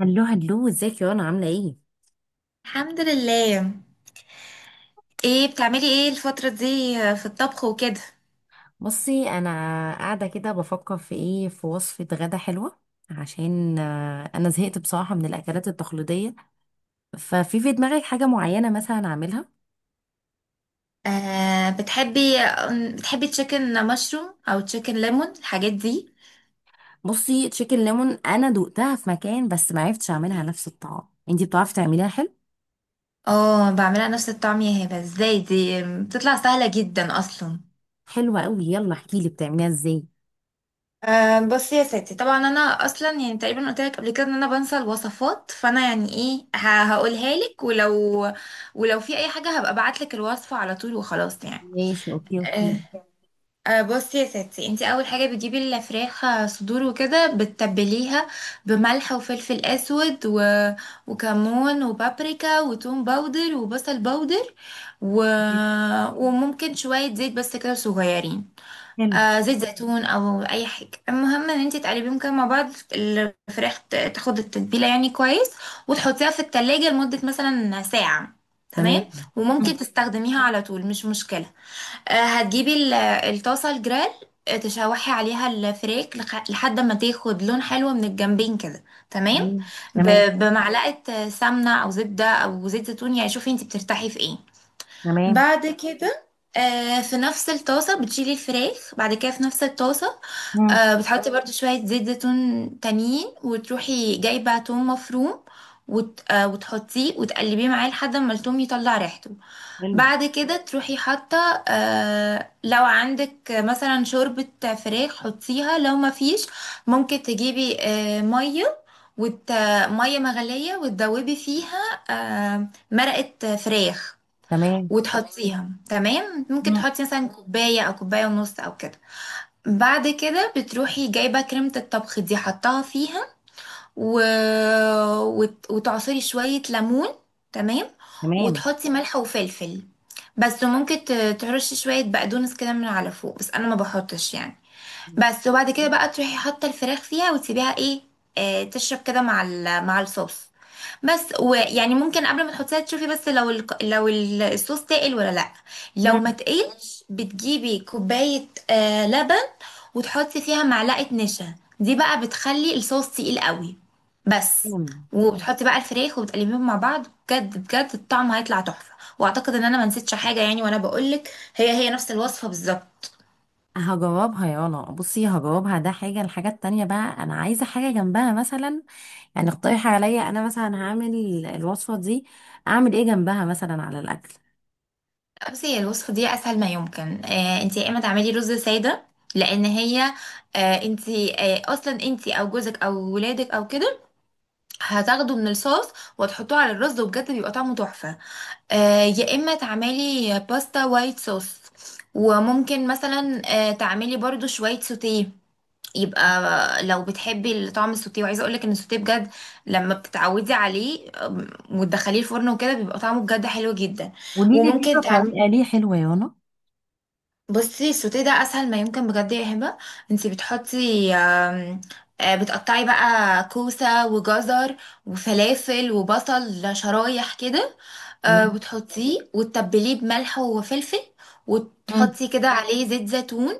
هلو هلو، ازيك يا رنا؟ عاملة ايه؟ الحمد لله. ايه بتعملي ايه الفترة دي؟ في الطبخ وكده. بصي انا قاعدة كده بفكر في ايه في وصفة غدا حلوة عشان انا زهقت بصراحة من الاكلات التقليدية. ففي دماغك حاجة معينة مثلا اعملها؟ آه، بتحبي تشيكن مشروم او تشيكن ليمون الحاجات دي؟ بصي تشيكن ليمون انا دقتها في مكان بس ما عرفتش اعملها نفس الطعام، انتي بتعرفي تعمليها حلو؟ اه، بعملها نفس الطعم يا هبة. ازاي دي بتطلع سهلة جدا اصلا. حلوة قوي، يلا احكيلي بتعمليها ازاي. بصي يا ستي، طبعا انا اصلا يعني تقريبا قلت لك قبل كده ان انا بنسى الوصفات، فانا يعني ايه، هقولها لك، ولو في اي حاجة هبقى ابعت لك الوصفة على طول وخلاص يعني. ماشي، اوكي آه، اوكي. بصي يا ستي، انت اول حاجه بتجيبي الفراخ، صدور وكده، بتتبليها بملح وفلفل اسود وكمون وبابريكا وتوم باودر وبصل باودر و... وممكن شويه زيت، بس كده صغيرين. حلو. آه، زيت زيتون او اي حاجه. المهم ان انت تقلبيهم كده مع بعض، الفراخ تاخد التتبيله يعني كويس، وتحطيها في التلاجة لمده مثلا ساعه. تمام. تمام. مم. وممكن تستخدميها على طول، مش مشكله. هتجيبي الطاسة الجريل، تشوحي عليها الفريك لحد ما تاخد لون حلو من الجنبين كده. تمام. مم. تمام. بمعلقة سمنة أو زبدة أو زيت زيتون، يعني شوفي انتي بترتاحي في ايه. تمام. بعد كده، في نفس الطاسة بتشيلي الفراخ، بعد كده في نفس الطاسة، مم. بتحطي برضو شوية زيت زيتون تانيين، وتروحي جايبة توم مفروم، وت... آه، وتحطيه وتقلبيه معاه لحد ما التوم يطلع ريحته. حلو. بعد كده تروحي حاطه، آه، لو عندك مثلا شوربة فراخ حطيها، لو ما فيش ممكن تجيبي آه مية وت... مية مغلية وتدوبي فيها آه مرقة فراخ تمام. وتحطيها. تمام. ممكن مم. تحطي مثلا كوباية أو كوباية ونص أو كده. بعد كده بتروحي جايبة كريمة الطبخ دي حطها فيها، و... وتعصري شوية ليمون. تمام. تمام. وتحطي ملح وفلفل، بس ممكن ترشي شوية بقدونس كده من على فوق، بس أنا ما بحطش يعني. بس، وبعد كده بقى تروحي حاطه الفراخ فيها وتسيبيها ايه، آه، تشرب كده مع مع الصوص. بس ويعني ممكن قبل ما تحطيها تشوفي بس لو الصوص تقل ولا لا. لو مم. ما تقلش بتجيبي كوبايه آه لبن، وتحطي فيها معلقه نشا. دي بقى بتخلي الصوص تقيل قوي بس. أم، وبتحطي بقى الفراخ وبتقلبيهم مع بعض، بجد بجد الطعم هيطلع تحفه. واعتقد ان انا ما نسيتش حاجه يعني وانا بقولك، هي هي نفس الوصفه بالظبط. هجاوبها. يلا بصي هجاوبها. ده حاجة، الحاجة التانية بقى، أنا عايزة حاجة جنبها مثلا، يعني اقترحي عليا. أنا مثلا هعمل الوصفة دي، أعمل إيه جنبها مثلا على الأكل؟ بصي هي الوصفة دي أسهل ما يمكن. آه، انتي يا إما تعملي رز سادة، لأن هي آه، انتي آه، أصلا انتي أو جوزك أو ولادك أو كده هتاخدوا من الصوص وتحطوه على الرز، وبجد بيبقى طعمه تحفة. آه، يا إما تعملي باستا وايت صوص. وممكن مثلا آه تعملي برضو شوية سوتيه، يبقى لو بتحبي طعم السوتيه. وعايزه اقولك ان السوتيه بجد لما بتتعودي عليه، وتدخليه الفرن وكده بيبقى طعمه بجد حلو جدا. قولي لي وممكن كده تعملي، طريقة ليه حلوة يا رنا. بصي السوتيه ده اسهل ما يمكن بجد يا هبه. انتي بتحطي، آم، آه، بتقطعي بقى كوسه وجزر وفلافل وبصل شرايح كده، آه، تمام. وتحطيه وتتبليه بملح وفلفل، مم. وتحطي كده عليه زيت زيتون،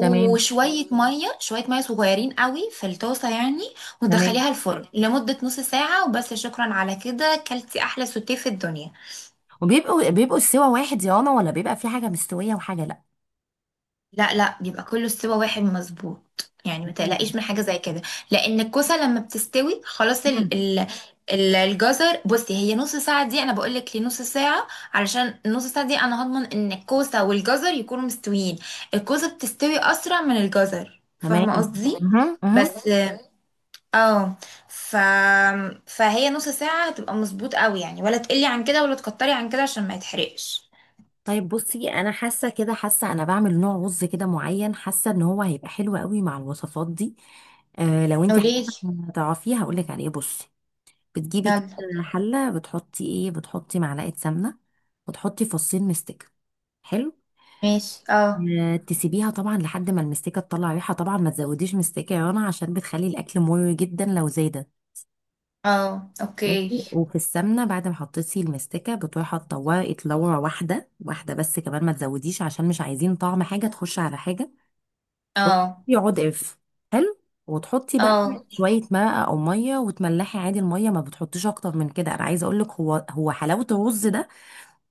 تمام. ميه شويه ميه صغيرين قوي في الطاسه يعني، تمام. وتدخليها الفرن لمده نص ساعه، وبس، شكرا على كده كلتي احلى سوتيه في الدنيا. وبيبقوا، بيبقوا السوا واحد يا رنا، ولا بيبقى في حاجة مستوية وحاجة لأ؟ لا، بيبقى كله استوى واحد مظبوط يعني، ما مم. تقلقيش من حاجة زي كده. لأن الكوسة لما بتستوي خلاص، مم. الجزر، بصي هي نص ساعة دي أنا بقولك ليه نص ساعة، علشان النص ساعة دي أنا هضمن إن الكوسة والجزر يكونوا مستويين. الكوسة بتستوي أسرع من الجزر، تمام. فاهمة قصدي؟ مهم. مهم. بس، اه ف... فهي نص ساعة هتبقى مظبوط قوي يعني، ولا تقلي عن كده ولا تكتري عن كده عشان ما يتحرقش. طيب بصي انا حاسه كده، حاسه انا بعمل نوع رز كده معين، حاسه ان هو هيبقى حلو قوي مع الوصفات دي. آه لو انت قوليلي. تعرفيه هقول لك عليه. بصي بتجيبي كده يلا، حله، بتحطي ايه، بتحطي معلقه سمنه وتحطي فصين مستكه. حلو. ماشي. اه. آه تسيبيها طبعا لحد ما المستكه تطلع ريحه. طبعا ما تزوديش مستكه يا رنا عشان بتخلي الاكل مر جدا لو زادت. اه، ماشي. اوكي. وفي السمنه بعد ما حطيتي المستكه بتروحي حاطه ورقه لورا واحده واحده بس، كمان ما تزوديش عشان مش عايزين طعم حاجه تخش على حاجه اه. يقعد قرف. حلو. وتحطي بقى اه. شويه مرقه او ميه وتملحي عادي. الميه ما بتحطيش اكتر من كده. انا عايزه اقول لك هو حلاوه الرز ده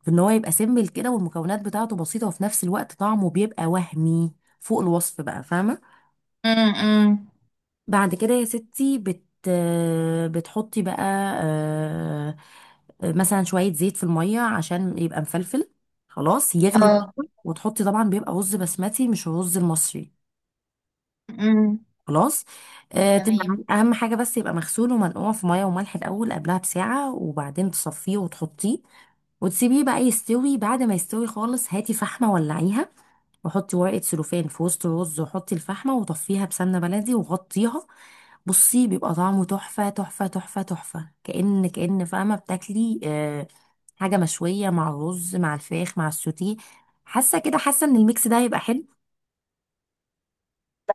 في ان هو يبقى سيمبل كده والمكونات بتاعته بسيطه وفي نفس الوقت طعمه بيبقى وهمي فوق الوصف بقى، فاهمه؟ امم امم، بعد كده يا ستي بتحطي بقى آه، مثلا شوية زيت في المية عشان يبقى مفلفل. خلاص يغلي اه. وتحطي طبعا، بيبقى رز بسمتي مش الرز المصري. امم. خلاص. تمام. تمام. أهم حاجة بس يبقى مغسول ومنقوع في مية وملح الأول قبلها بساعة، وبعدين تصفيه وتحطيه وتسيبيه بقى يستوي. بعد ما يستوي خالص هاتي فحمة ولعيها، وحطي ورقة سلوفان في وسط الرز وحطي الفحمة وطفيها بسمنة بلدي وغطيها. بصي بيبقى طعمه تحفة تحفة تحفة تحفة، كأن فاهمة بتاكلي حاجة مشوية مع الرز مع الفراخ مع السوتيه. حاسة كده، حاسة ان الميكس ده هيبقى حلو.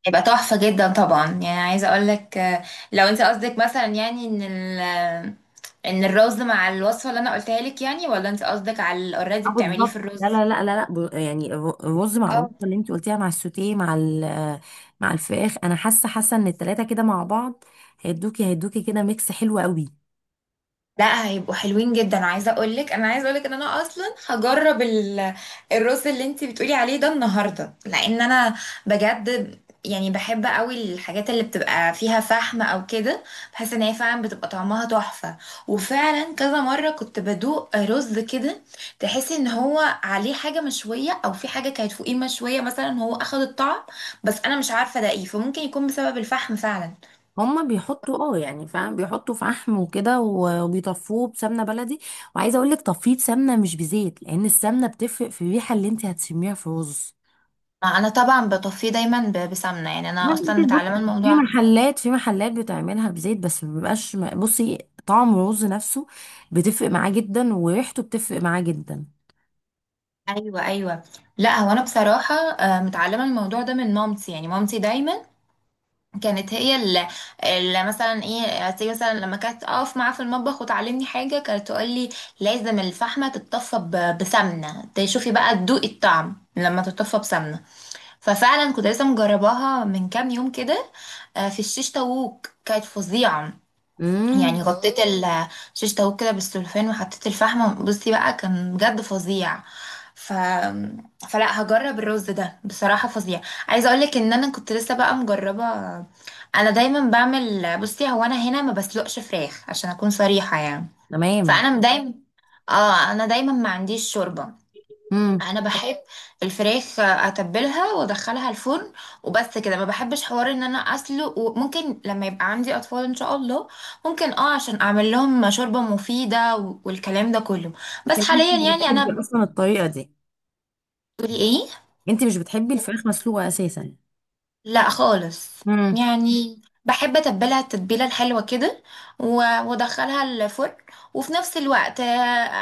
هيبقى تحفة جدا طبعا. يعني عايزة اقول لك آه، لو انت قصدك مثلا يعني ان ان الرز مع الوصفة اللي انا قلتها لك يعني، ولا انت قصدك على الاوريدي اه بتعمليه في بالظبط. لا الرز. لا لا لا لا، الرز مع الرز اللي انت قلتيها مع السوتيه مع ال- آه، مع الفراخ، انا حاسة، حاسة ان التلاتة كده مع بعض هيدوكي كده ميكس حلو قوي. لا، هيبقوا حلوين جدا. عايزه اقول لك، ان انا اصلا هجرب الرز اللي انت بتقولي عليه ده النهارده، لان انا بجد يعني بحب قوي الحاجات اللي بتبقى فيها فحم او كده. بحس ان هي فعلا بتبقى طعمها تحفه. وفعلا كذا مره كنت بدوق رز كده، تحسي ان هو عليه حاجه مشويه، او في حاجه كانت فوقيه مشويه مثلا هو اخد الطعم. بس انا مش عارفه ده ايه، فممكن يكون بسبب الفحم فعلا. هما بيحطوا اه يعني فاهم، بيحطوا في عحم وكده وبيطفوه بسمنه بلدي، وعايزه اقول لك تفيض سمنه مش بزيت لان السمنه بتفرق في الريحه اللي انت هتشميها في الرز. انا طبعا بطفيه دايما بسمنه، يعني انا لا، اصلا انت متعلمه بصي، في الموضوع. محلات في محلات بتعملها بزيت بس ما بيبقاش، بصي، طعم الرز نفسه بتفرق معاه جدا وريحته بتفرق معاه جدا. ايوه لا، هو انا بصراحه آه، متعلمه الموضوع ده من مامتي، يعني مامتي دايما كانت هي اللي، اللي مثلا ايه، تيجي مثلا لما كانت اقف معاها في المطبخ وتعلمني حاجه كانت تقول لي لازم الفحمه تتطفى بسمنه، تشوفي بقى تدوقي الطعم لما تتطفى بسمنه. ففعلا كنت لسه مجرباها من كام يوم كده، في الشيش طاووق، كانت فظيعه. امم. يعني غطيت اه شيش طاووق كده بالسلوفان وحطيت الفحم، بصي بقى كان بجد فظيع. ف... فلا هجرب الرز ده، بصراحة فظيع. عايزة اقولك ان انا كنت لسه بقى مجربة. انا دايما بعمل، بصي هو انا هنا ما بسلقش فراخ عشان اكون صريحة يعني. تمام. فانا اه دايما، اه انا دايما ما عنديش شوربة. امم. انا بحب الفراخ اتبلها وادخلها الفرن وبس كده، ما بحبش حوار ان انا اسلق. وممكن لما يبقى عندي اطفال ان شاء الله ممكن اه عشان اعمل لهم شوربة مفيدة والكلام ده كله. بس لكن انت حاليا مش يعني انا، بتحبي اصلا الطريقه دي. بتقولي ايه؟ انت مش بتحبي الفراخ مسلوقه اساسا. لا خالص. امم. يعني بحب اتبلها التتبيله الحلوه كده و- وادخلها الفرن، وفي نفس الوقت آه،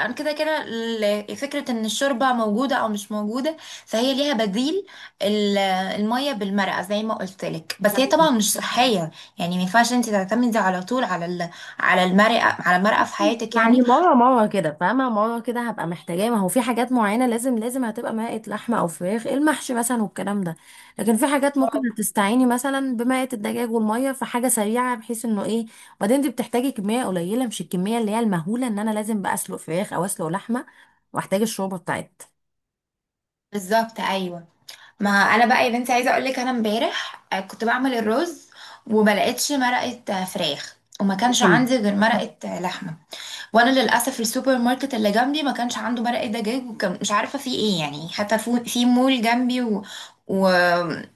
انا كده كده فكره ان الشوربه موجوده او مش موجوده، فهي ليها بديل، ال- الميه بالمرقه زي ما قلت لك. بس هي طبعا مش صحيه، يعني ما ينفعش انت تعتمدي على طول على على المرقه في حياتك يعني يعني. مرة مرة كده، فاهمة؟ مرة كده هبقى محتاجاه. ما هو في حاجات معينة لازم لازم هتبقى مائة لحمة أو فراخ، المحشي مثلا والكلام ده. لكن في حاجات ممكن تستعيني مثلا بمائة الدجاج والمية في حاجة سريعة بحيث إنه إيه. وبعدين أنت بتحتاجي كمية قليلة، مش الكمية اللي هي المهولة إن أنا لازم بقى أسلق فراخ أو أسلق لحمة وأحتاج الشوربة بتاعتها. بالظبط، ايوه. ما انا بقى يا بنتي عايزه اقول لك، انا امبارح آه، كنت بعمل الرز وما لقيتش مرقه آه، فراخ، وما كانش تمام. عندي غير مرقه آه، لحمه. وانا للاسف السوبر ماركت اللي جنبي ما كانش عنده مرقه دجاج، وكان مش عارفه فيه ايه يعني، حتى في مول جنبي و...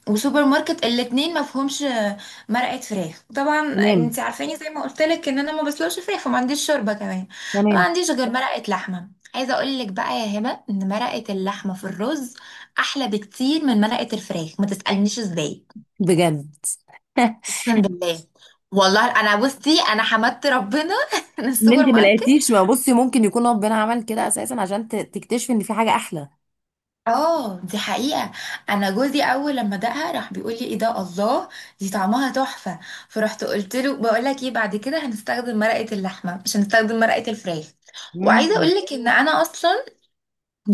وسوبر ماركت الاتنين ما فيهمش آه، مرقه فراخ. طبعا تمام. انت عارفاني زي ما قلت لك ان انا ما بسلقش فراخ وما عنديش شوربه كمان، ما تمام. عنديش غير مرقه لحمه. عايزه اقول لك بقى يا هبه ان مرقه اللحمه في الرز احلى بكتير من مرقه الفراخ، ما تسالنيش ازاي. بجد. اقسم بالله. والله انا بصي انا حمدت ربنا من إن السوبر أنت ما ماركت. لقيتيش. ما بصي، ممكن يكون ربنا عمل كده أساسا عشان تكتشفي إن في حاجة أحلى. اه، دي حقيقه. انا جوزي اول لما دقها راح بيقول لي ايه ده، الله، دي طعمها تحفه. فرحت قلت له بقول لك ايه، بعد كده هنستخدم مرقه اللحمه مش هنستخدم مرقه الفراخ. وعايزه مم. اقول لك ان انا اصلا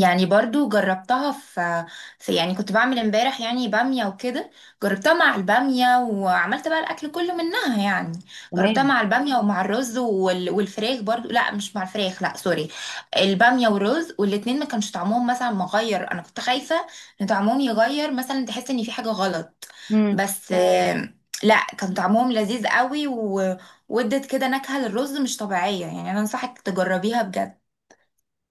يعني برضو جربتها في يعني كنت بعمل امبارح يعني بامية وكده، جربتها مع البامية، وعملت بقى الأكل كله منها يعني. جربتها تمام. مع البامية ومع الرز والفراخ برضو، لا مش مع الفراخ، لا سوري، البامية والرز، والاتنين ما كانش طعمهم مثلا مغير. أنا كنت خايفة إن طعمهم يغير مثلا، تحس إن في حاجة غلط، بس آه، لا كان طعمهم لذيذ قوي، وادت كده نكهة للرز مش طبيعية يعني، أنا أنصحك تجربيها بجد.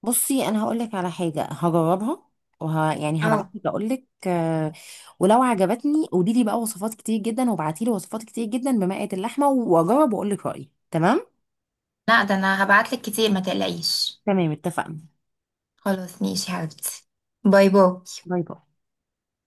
بصي انا هقول لك على حاجه هجربها يعني هبعت اه. لك اقول لك ولو عجبتني قولي لي بقى وصفات كتير جدا، وابعتي لي وصفات كتير جدا بمقادير اللحمه واجرب واقول لك رايي. تمام. لا ده انا هبعتلك كتير، ما تقلقيش. تمام اتفقنا. خلاص ماشي يا حبيبتي. باي باي. باي باي.